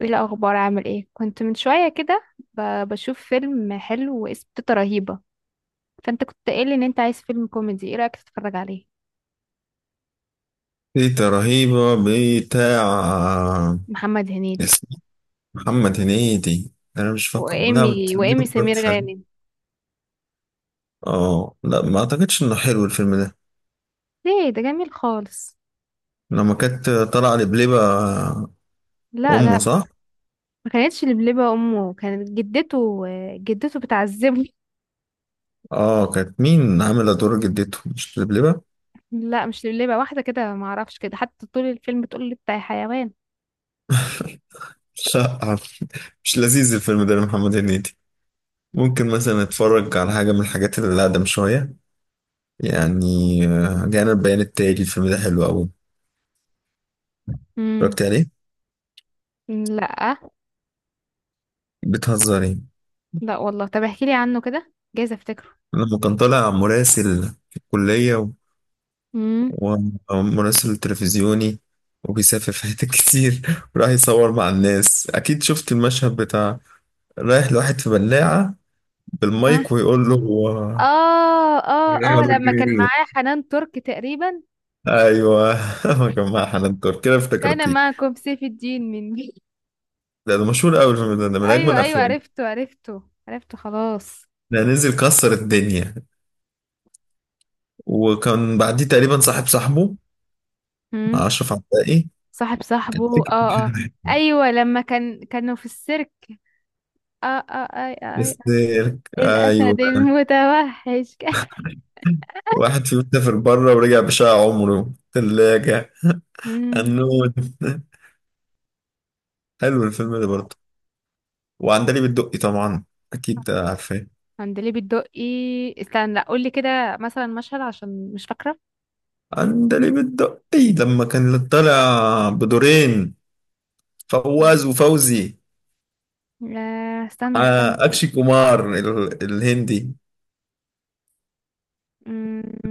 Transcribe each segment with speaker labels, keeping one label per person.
Speaker 1: ايه الاخبار، عامل ايه؟ كنت من شويه كده، بشوف فيلم حلو واسمه تيتا رهيبه. فانت كنت قايل ان انت عايز فيلم كوميدي، ايه رايك تتفرج عليه؟
Speaker 2: تيتا رهيبة بتاع
Speaker 1: محمد هنيدي.
Speaker 2: اسمه محمد هنيدي. أنا مش فاكره، لا،
Speaker 1: وايمي
Speaker 2: بتديله
Speaker 1: وايمي سمير
Speaker 2: فرصة حلوة.
Speaker 1: غانم.
Speaker 2: اه، لا، ما أعتقدش إنه حلو الفيلم ده.
Speaker 1: ليه؟ ده جميل خالص.
Speaker 2: لما كانت طالعة لبلبة
Speaker 1: لا،
Speaker 2: أمه
Speaker 1: لا.
Speaker 2: صح؟
Speaker 1: ما كانتش لبلبه امه، كانت جدته. جدته بتعذبه.
Speaker 2: اه، كانت مين عاملة دور جدته، مش لبلبة؟
Speaker 1: لا، مش لبلبه، واحده كده ما اعرفش، كده حتى طول الفيلم تقول لي بتاع حيوان.
Speaker 2: لا. مش لذيذ الفيلم ده لمحمد هنيدي. ممكن مثلا أتفرج على حاجة من الحاجات اللي أقدم شوية. يعني جانا البيان التالي، الفيلم ده حلو أوي.
Speaker 1: امم.
Speaker 2: اتفرجت عليه؟
Speaker 1: لا.
Speaker 2: بتهزري.
Speaker 1: لا والله، طب احكي لي عنه كده، جايز افتكره.
Speaker 2: لما كان طالع مراسل في الكلية و-
Speaker 1: امم.
Speaker 2: ومراسل تلفزيوني، وبيسافر في حتت كتير. وراح يصور مع الناس، أكيد شفت المشهد بتاع رايح لواحد في بلاعة بالمايك ويقول له
Speaker 1: اه، اه،
Speaker 2: رايح في
Speaker 1: اه،
Speaker 2: خرج
Speaker 1: لما
Speaker 2: البيت.
Speaker 1: كان
Speaker 2: بيه.
Speaker 1: معاه حنان ترك تقريبا.
Speaker 2: أيوه. ما كان مع حنان ترك، كده
Speaker 1: كان
Speaker 2: افتكرتيك.
Speaker 1: معكم سيف الدين من مين؟
Speaker 2: ده مشهور أوي الفيلم ده، ده من أجمل
Speaker 1: ايوه، ايوه،
Speaker 2: الأفلام.
Speaker 1: عرفته عرفته عرفته، خلاص.
Speaker 2: ده نزل كسر الدنيا، وكان بعديه تقريبا صاحب صاحبه مع
Speaker 1: هم.
Speaker 2: أشرف عباقي.
Speaker 1: صاحب
Speaker 2: كان
Speaker 1: صاحبه،
Speaker 2: فكرة.
Speaker 1: اه، اه. ايوه، لما كانوا في السيرك. اه، اه، اي، اي،
Speaker 2: بس
Speaker 1: اي.
Speaker 2: ايوه،
Speaker 1: الاسد المتوحش.
Speaker 2: واحد فيهم سافر بره ورجع بشقى عمره ثلاجة
Speaker 1: امم.
Speaker 2: النون. حلو الفيلم ده برضه. وعندليب الدقي طبعا أكيد عارفاه.
Speaker 1: عندليب الدقي. استنى، لا قول لي كده مثلا مشهد عشان مش فاكره.
Speaker 2: عندليب الدقي لما كان طالع بدورين، فواز
Speaker 1: مم.
Speaker 2: وفوزي.
Speaker 1: لا. استنى استنى.
Speaker 2: أكشي كومار الهندي.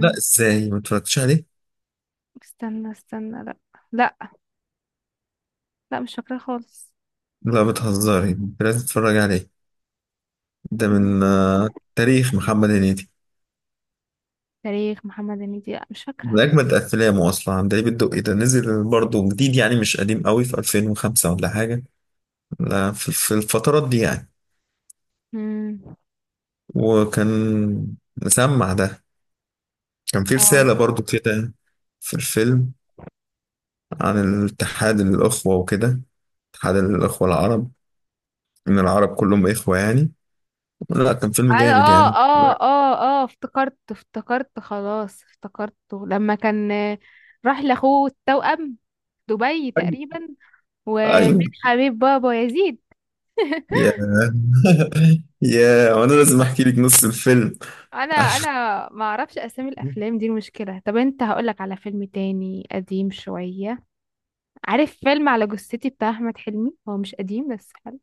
Speaker 2: لا، إزاي ما اتفرجتش عليه؟
Speaker 1: استنى استنى، لا. لا. لا، مش فاكره خالص.
Speaker 2: لا بتهزري، لازم تتفرج عليه. ده من تاريخ محمد هنيدي.
Speaker 1: تاريخ محمد هنيدي؟ لأ، مش فاكرة.
Speaker 2: ده أجمد أفلامه أصلا. عندليب الدقي ده نزل برضه جديد، يعني مش قديم قوي، في 2005 ولا حاجة. لا، في الفترات دي يعني.
Speaker 1: مم.
Speaker 2: وكان مسمع ده، كان في
Speaker 1: اه،
Speaker 2: رسالة برضه كده في الفيلم، عن الاتحاد الأخوة وكده، اتحاد الأخوة العرب، إن العرب كلهم إخوة يعني. لا كان فيلم جامد يعني.
Speaker 1: افتكرت افتكرت، خلاص افتكرته. لما كان راح لاخوه التوأم، دبي
Speaker 2: أيوة.
Speaker 1: تقريبا. ومن
Speaker 2: أيوه.
Speaker 1: حبيب بابا يزيد.
Speaker 2: يا. يا وأنا لازم أحكي لك نص الفيلم.
Speaker 1: انا
Speaker 2: عشان
Speaker 1: انا ما اعرفش اسامي الافلام دي، المشكله. طب انت هقولك على فيلم تاني قديم شويه. عارف فيلم على جثتي بتاع احمد حلمي؟ هو مش قديم بس حلو.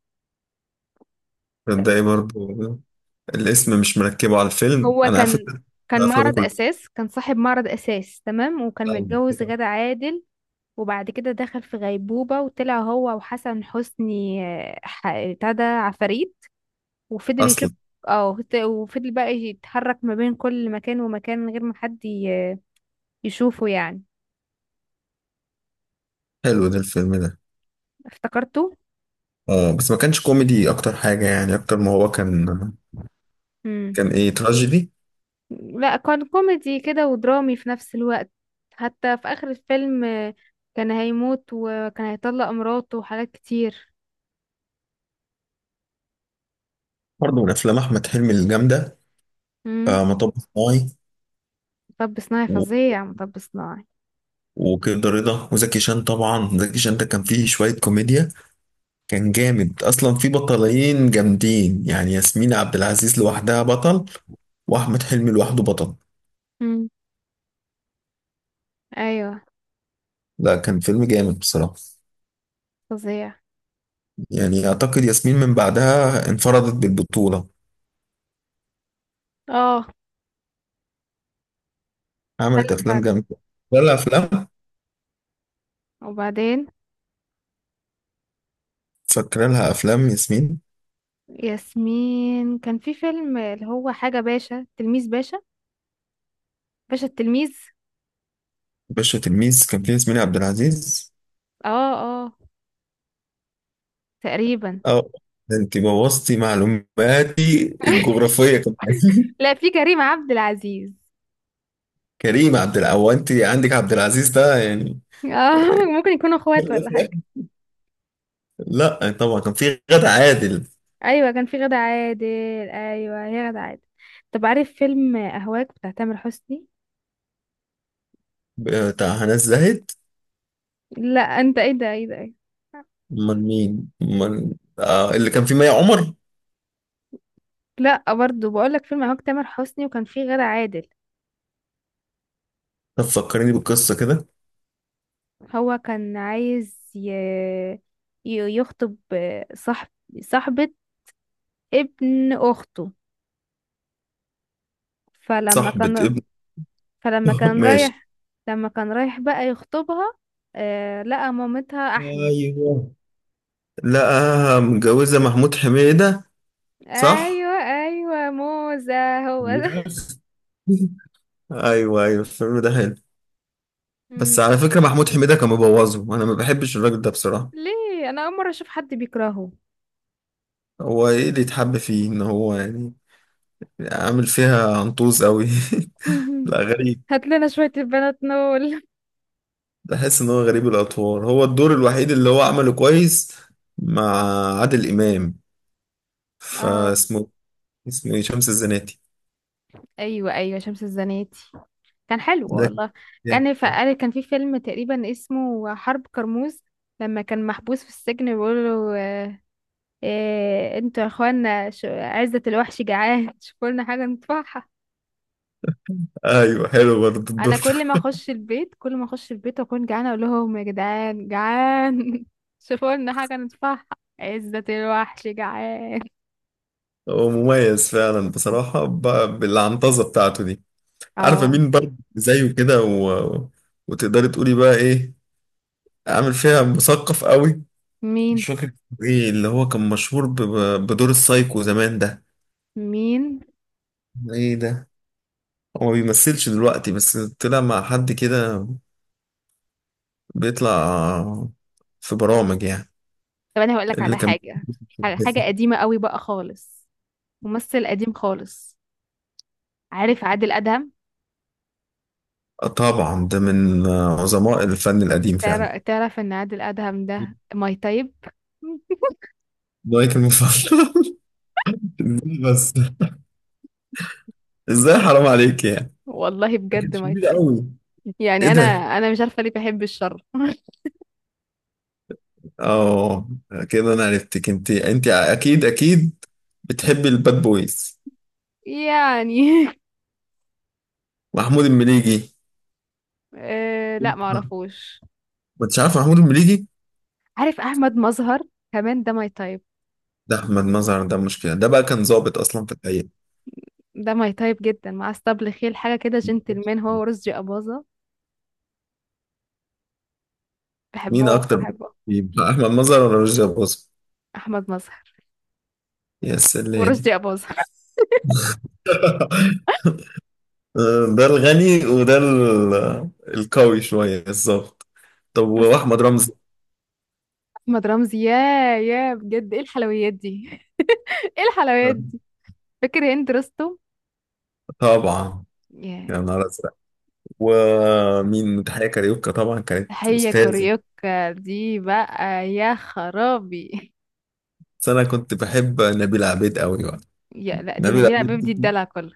Speaker 2: ده إيه برضه؟ الاسم مش مركبه على الفيلم
Speaker 1: هو
Speaker 2: انا على
Speaker 1: كان
Speaker 2: فكره،
Speaker 1: كان
Speaker 2: افلامه
Speaker 1: معرض
Speaker 2: كلها
Speaker 1: اساس، كان صاحب معرض اساس، تمام، وكان متجوز غادة عادل. وبعد كده دخل في غيبوبة وطلع هو وحسن حسني، بتاع ده عفاريت. وفضل يشوف.
Speaker 2: اصلا.
Speaker 1: اه، وفضل بقى يتحرك ما بين كل مكان ومكان من غير ما حد يشوفه يعني.
Speaker 2: حلو ده الفيلم ده.
Speaker 1: افتكرته.
Speaker 2: اه، بس ما كانش كوميدي اكتر حاجه، يعني اكتر ما هو كان،
Speaker 1: امم.
Speaker 2: كان ايه، تراجيدي.
Speaker 1: لا، كان كوميدي كده ودرامي في نفس الوقت. حتى في اخر الفيلم كان هيموت وكان هيطلق مراته وحاجات كتير.
Speaker 2: برضه من افلام احمد حلمي الجامده.
Speaker 1: مم.
Speaker 2: مطب صناعي.
Speaker 1: مطب صناعي
Speaker 2: و-
Speaker 1: فظيع، مطب صناعي.
Speaker 2: وكده رضا وزكي شان. طبعا زكي شان ده كان فيه شويه كوميديا، كان جامد اصلا، في بطلين جامدين يعني، ياسمين عبد العزيز لوحدها بطل واحمد حلمي لوحده بطل.
Speaker 1: مم. ايوه.
Speaker 2: لا كان فيلم جامد بصراحه.
Speaker 1: فظيع.
Speaker 2: يعني أعتقد ياسمين من بعدها انفردت بالبطولة،
Speaker 1: اه. حلو
Speaker 2: عملت أفلام
Speaker 1: فعلا.
Speaker 2: جامدة. فاكرة لها أفلام
Speaker 1: وبعدين
Speaker 2: فاكرة لها أفلام ياسمين.
Speaker 1: ياسمين كان في فيلم اللي هو حاجة، باشا تلميذ باشا. باشا التلميذ.
Speaker 2: باشا تلميذ كان فيه ياسمين عبد العزيز.
Speaker 1: اه، اه، تقريبا.
Speaker 2: أه ده أنت بوظتي معلوماتي الجغرافية كمان.
Speaker 1: لا، في كريم عبد العزيز.
Speaker 2: كريم عبد العزيز، أنت عندك عبد العزيز ده يعني.
Speaker 1: اه، ممكن يكونوا اخوات
Speaker 2: كل ده
Speaker 1: ولا
Speaker 2: في الآخر.
Speaker 1: حاجة.
Speaker 2: لا طبعا كان في غادة عادل.
Speaker 1: ايوه، كان في غادة عادل. ايوه، هي غادة عادل. طب عارف فيلم اهواك بتاع تامر حسني؟
Speaker 2: بتاع هنا الزاهد؟
Speaker 1: لا، انت ايه ده، ايه ده إيه؟ ده؟
Speaker 2: امال مين، امال اللي كان في مي عمر.
Speaker 1: لا، برضو بقول لك فيلم اهواك تامر حسني، وكان في غادة عادل.
Speaker 2: طب فكرني بالقصه كده.
Speaker 1: هو كان عايز يخطب صاحب صاحبة ابن أخته. فلما
Speaker 2: صاحبة
Speaker 1: كان
Speaker 2: ابن.
Speaker 1: فلما كان
Speaker 2: ماشي.
Speaker 1: رايح، لما كان رايح بقى يخطبها. لقى مامتها أحلى.
Speaker 2: ايوه. لا، متجوزة محمود حميدة صح؟
Speaker 1: أيوة، أيوة، موزة. هو ده.
Speaker 2: يس. ايوه ايوه الفيلم ده حلو. بس
Speaker 1: مم.
Speaker 2: على فكرة محمود حميدة كان مبوظه، انا ما بحبش الراجل ده بصراحة.
Speaker 1: ليه؟ أنا أول مرة أشوف حد بيكرهه.
Speaker 2: هو ايه اللي يتحب فيه؟ ان هو يعني عامل فيها عنطوز قوي. لا غريب.
Speaker 1: هات لنا شوية البنات نول.
Speaker 2: بحس ان هو غريب الاطوار. هو الدور الوحيد اللي هو عمله كويس مع عادل امام،
Speaker 1: اه،
Speaker 2: فاسمه اسمه ايه، شمس الزناتي.
Speaker 1: أيوة، أيوة، شمس الزناتي. كان حلو
Speaker 2: ده كان
Speaker 1: والله.
Speaker 2: جامد.
Speaker 1: كان في فيلم تقريبا اسمه حرب كرموز. لما كان محبوس في السجن بيقول له انتوا يا اخوانا، عزة الوحش جعان، شوفوا لنا حاجة ندفعها.
Speaker 2: ايوه حلو برضه
Speaker 1: انا
Speaker 2: الدور.
Speaker 1: كل ما اخش البيت، كل ما اخش البيت واكون جعانة اقول لهم يا جدعان، جعان شوفوا لنا حاجة ندفعها. عزة الوحش جعان.
Speaker 2: هو مميز فعلا بصراحة بالعنطزة بتاعته دي. عارفة
Speaker 1: اه.
Speaker 2: مين برضه زيه كده، و... وتقدري تقولي بقى ايه، عامل فيها مثقف قوي؟
Speaker 1: مين؟
Speaker 2: مش فاكر اسمه ايه، اللي هو كان مشهور بدور السايكو زمان ده.
Speaker 1: مين؟
Speaker 2: ايه ده؟ هو ما بيمثلش دلوقتي، بس طلع مع حد كده، بيطلع في برامج يعني.
Speaker 1: طب انا هقول لك
Speaker 2: اللي
Speaker 1: على
Speaker 2: كان،
Speaker 1: حاجة، حاجة حاجة قديمة قوي بقى خالص. ممثل قديم خالص. عارف عادل أدهم؟
Speaker 2: طبعا ده من عظماء الفن القديم فعلا.
Speaker 1: تعرف ان عادل أدهم ده ماي تايب.
Speaker 2: لايك المفضل. بس ازاي، حرام عليك يعني،
Speaker 1: والله
Speaker 2: ده كانت
Speaker 1: بجد ماي
Speaker 2: شديدة
Speaker 1: تايب.
Speaker 2: قوي. ايه
Speaker 1: يعني انا
Speaker 2: ده؟
Speaker 1: انا مش عارفه ليه بحب الشر.
Speaker 2: اه، كده انا عرفتك. انت، اكيد اكيد بتحبي الباد بويز.
Speaker 1: يعني.
Speaker 2: محمود المليجي.
Speaker 1: آه لا، ما
Speaker 2: ما
Speaker 1: اعرفوش.
Speaker 2: انتش عارف محمود المليجي؟
Speaker 1: عارف احمد مظهر؟ كمان ده ماي تايب.
Speaker 2: ده احمد مظهر ده مشكلة، ده بقى كان ضابط اصلا في الحقيقة.
Speaker 1: ده ماي تايب جدا، مع اسطبل خيل حاجه كده جنتلمان، هو ورشدي اباظه.
Speaker 2: مين
Speaker 1: بحبه،
Speaker 2: اكتر،
Speaker 1: بحبه.
Speaker 2: يبقى احمد مظهر ولا رشدي اباظة؟
Speaker 1: احمد مظهر.
Speaker 2: يا سلام.
Speaker 1: ورشدي اباظه.
Speaker 2: ده الغني وده القوي شوية بالظبط. طب
Speaker 1: بس،
Speaker 2: واحمد رمزي؟
Speaker 1: احمد رمزي، يا، يا بجد ايه الحلويات دي. ايه الحلويات دي. فاكر هند رستم؟
Speaker 2: طبعا،
Speaker 1: يا.
Speaker 2: يا نهار أزرق. ومين، تحية كاريوكا طبعا كانت
Speaker 1: هي
Speaker 2: أستاذة.
Speaker 1: كوريوكا دي بقى يا خرابي.
Speaker 2: بس أنا كنت بحب نبيلة عبيد أوي بقى.
Speaker 1: يا، لا دي
Speaker 2: نبيلة
Speaker 1: نبيلة
Speaker 2: عبيد
Speaker 1: بيب، دي
Speaker 2: دي
Speaker 1: الدلع كله.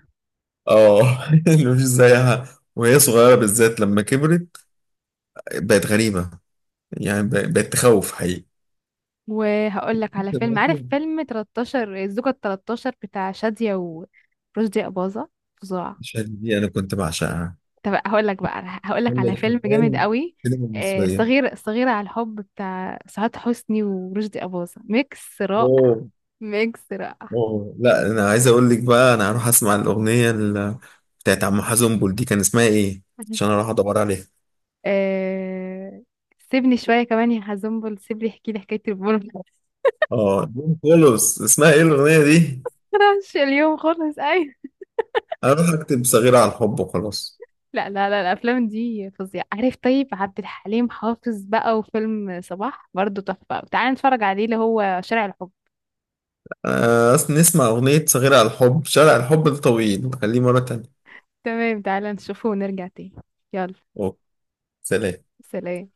Speaker 2: اللي مش زيها، وهي صغيرة بالذات. لما كبرت بقت غريبة، يعني بقت تخوف حقيقي.
Speaker 1: وهقول لك على فيلم، عارف فيلم 13، الزوجة ال 13 بتاع شادية ورشدي أباظة، فظاع.
Speaker 2: الشهادة دي أنا كنت بعشقها،
Speaker 1: طب هقول لك
Speaker 2: كل
Speaker 1: على فيلم جامد
Speaker 2: الحمال،
Speaker 1: قوي.
Speaker 2: السينما المصرية.
Speaker 1: صغيرة على الحب بتاع سعاد حسني ورشدي أباظة، ميكس رائع.
Speaker 2: أوه.
Speaker 1: ميكس رائع.
Speaker 2: أوه لا، أنا عايز أقول لك بقى، أنا هروح أسمع الأغنية بتاعت عم حزنبل دي، كان اسمها إيه، عشان أروح أدور عليها.
Speaker 1: آه، سيبني شوية كمان يا حزنبل، سيبني احكي لي حكاية البون.
Speaker 2: جون كولوس اسمها إيه الأغنية دي؟
Speaker 1: مش اليوم خالص، أيوة.
Speaker 2: اروح اكتب صغيرة على الحب وخلاص.
Speaker 1: لا، لا، لا، الافلام دي فظيعه، عارف طيب عبد الحليم حافظ بقى وفيلم صباح برضو تحفه، تعالى نتفرج عليه اللي هو شارع الحب.
Speaker 2: آه، نسمع اغنية صغيرة على الحب، شارع الحب الطويل نخليه مرة تانية.
Speaker 1: تمام، تعالى نشوفه ونرجع تاني. يلا.
Speaker 2: أوه. سلام.
Speaker 1: سلام.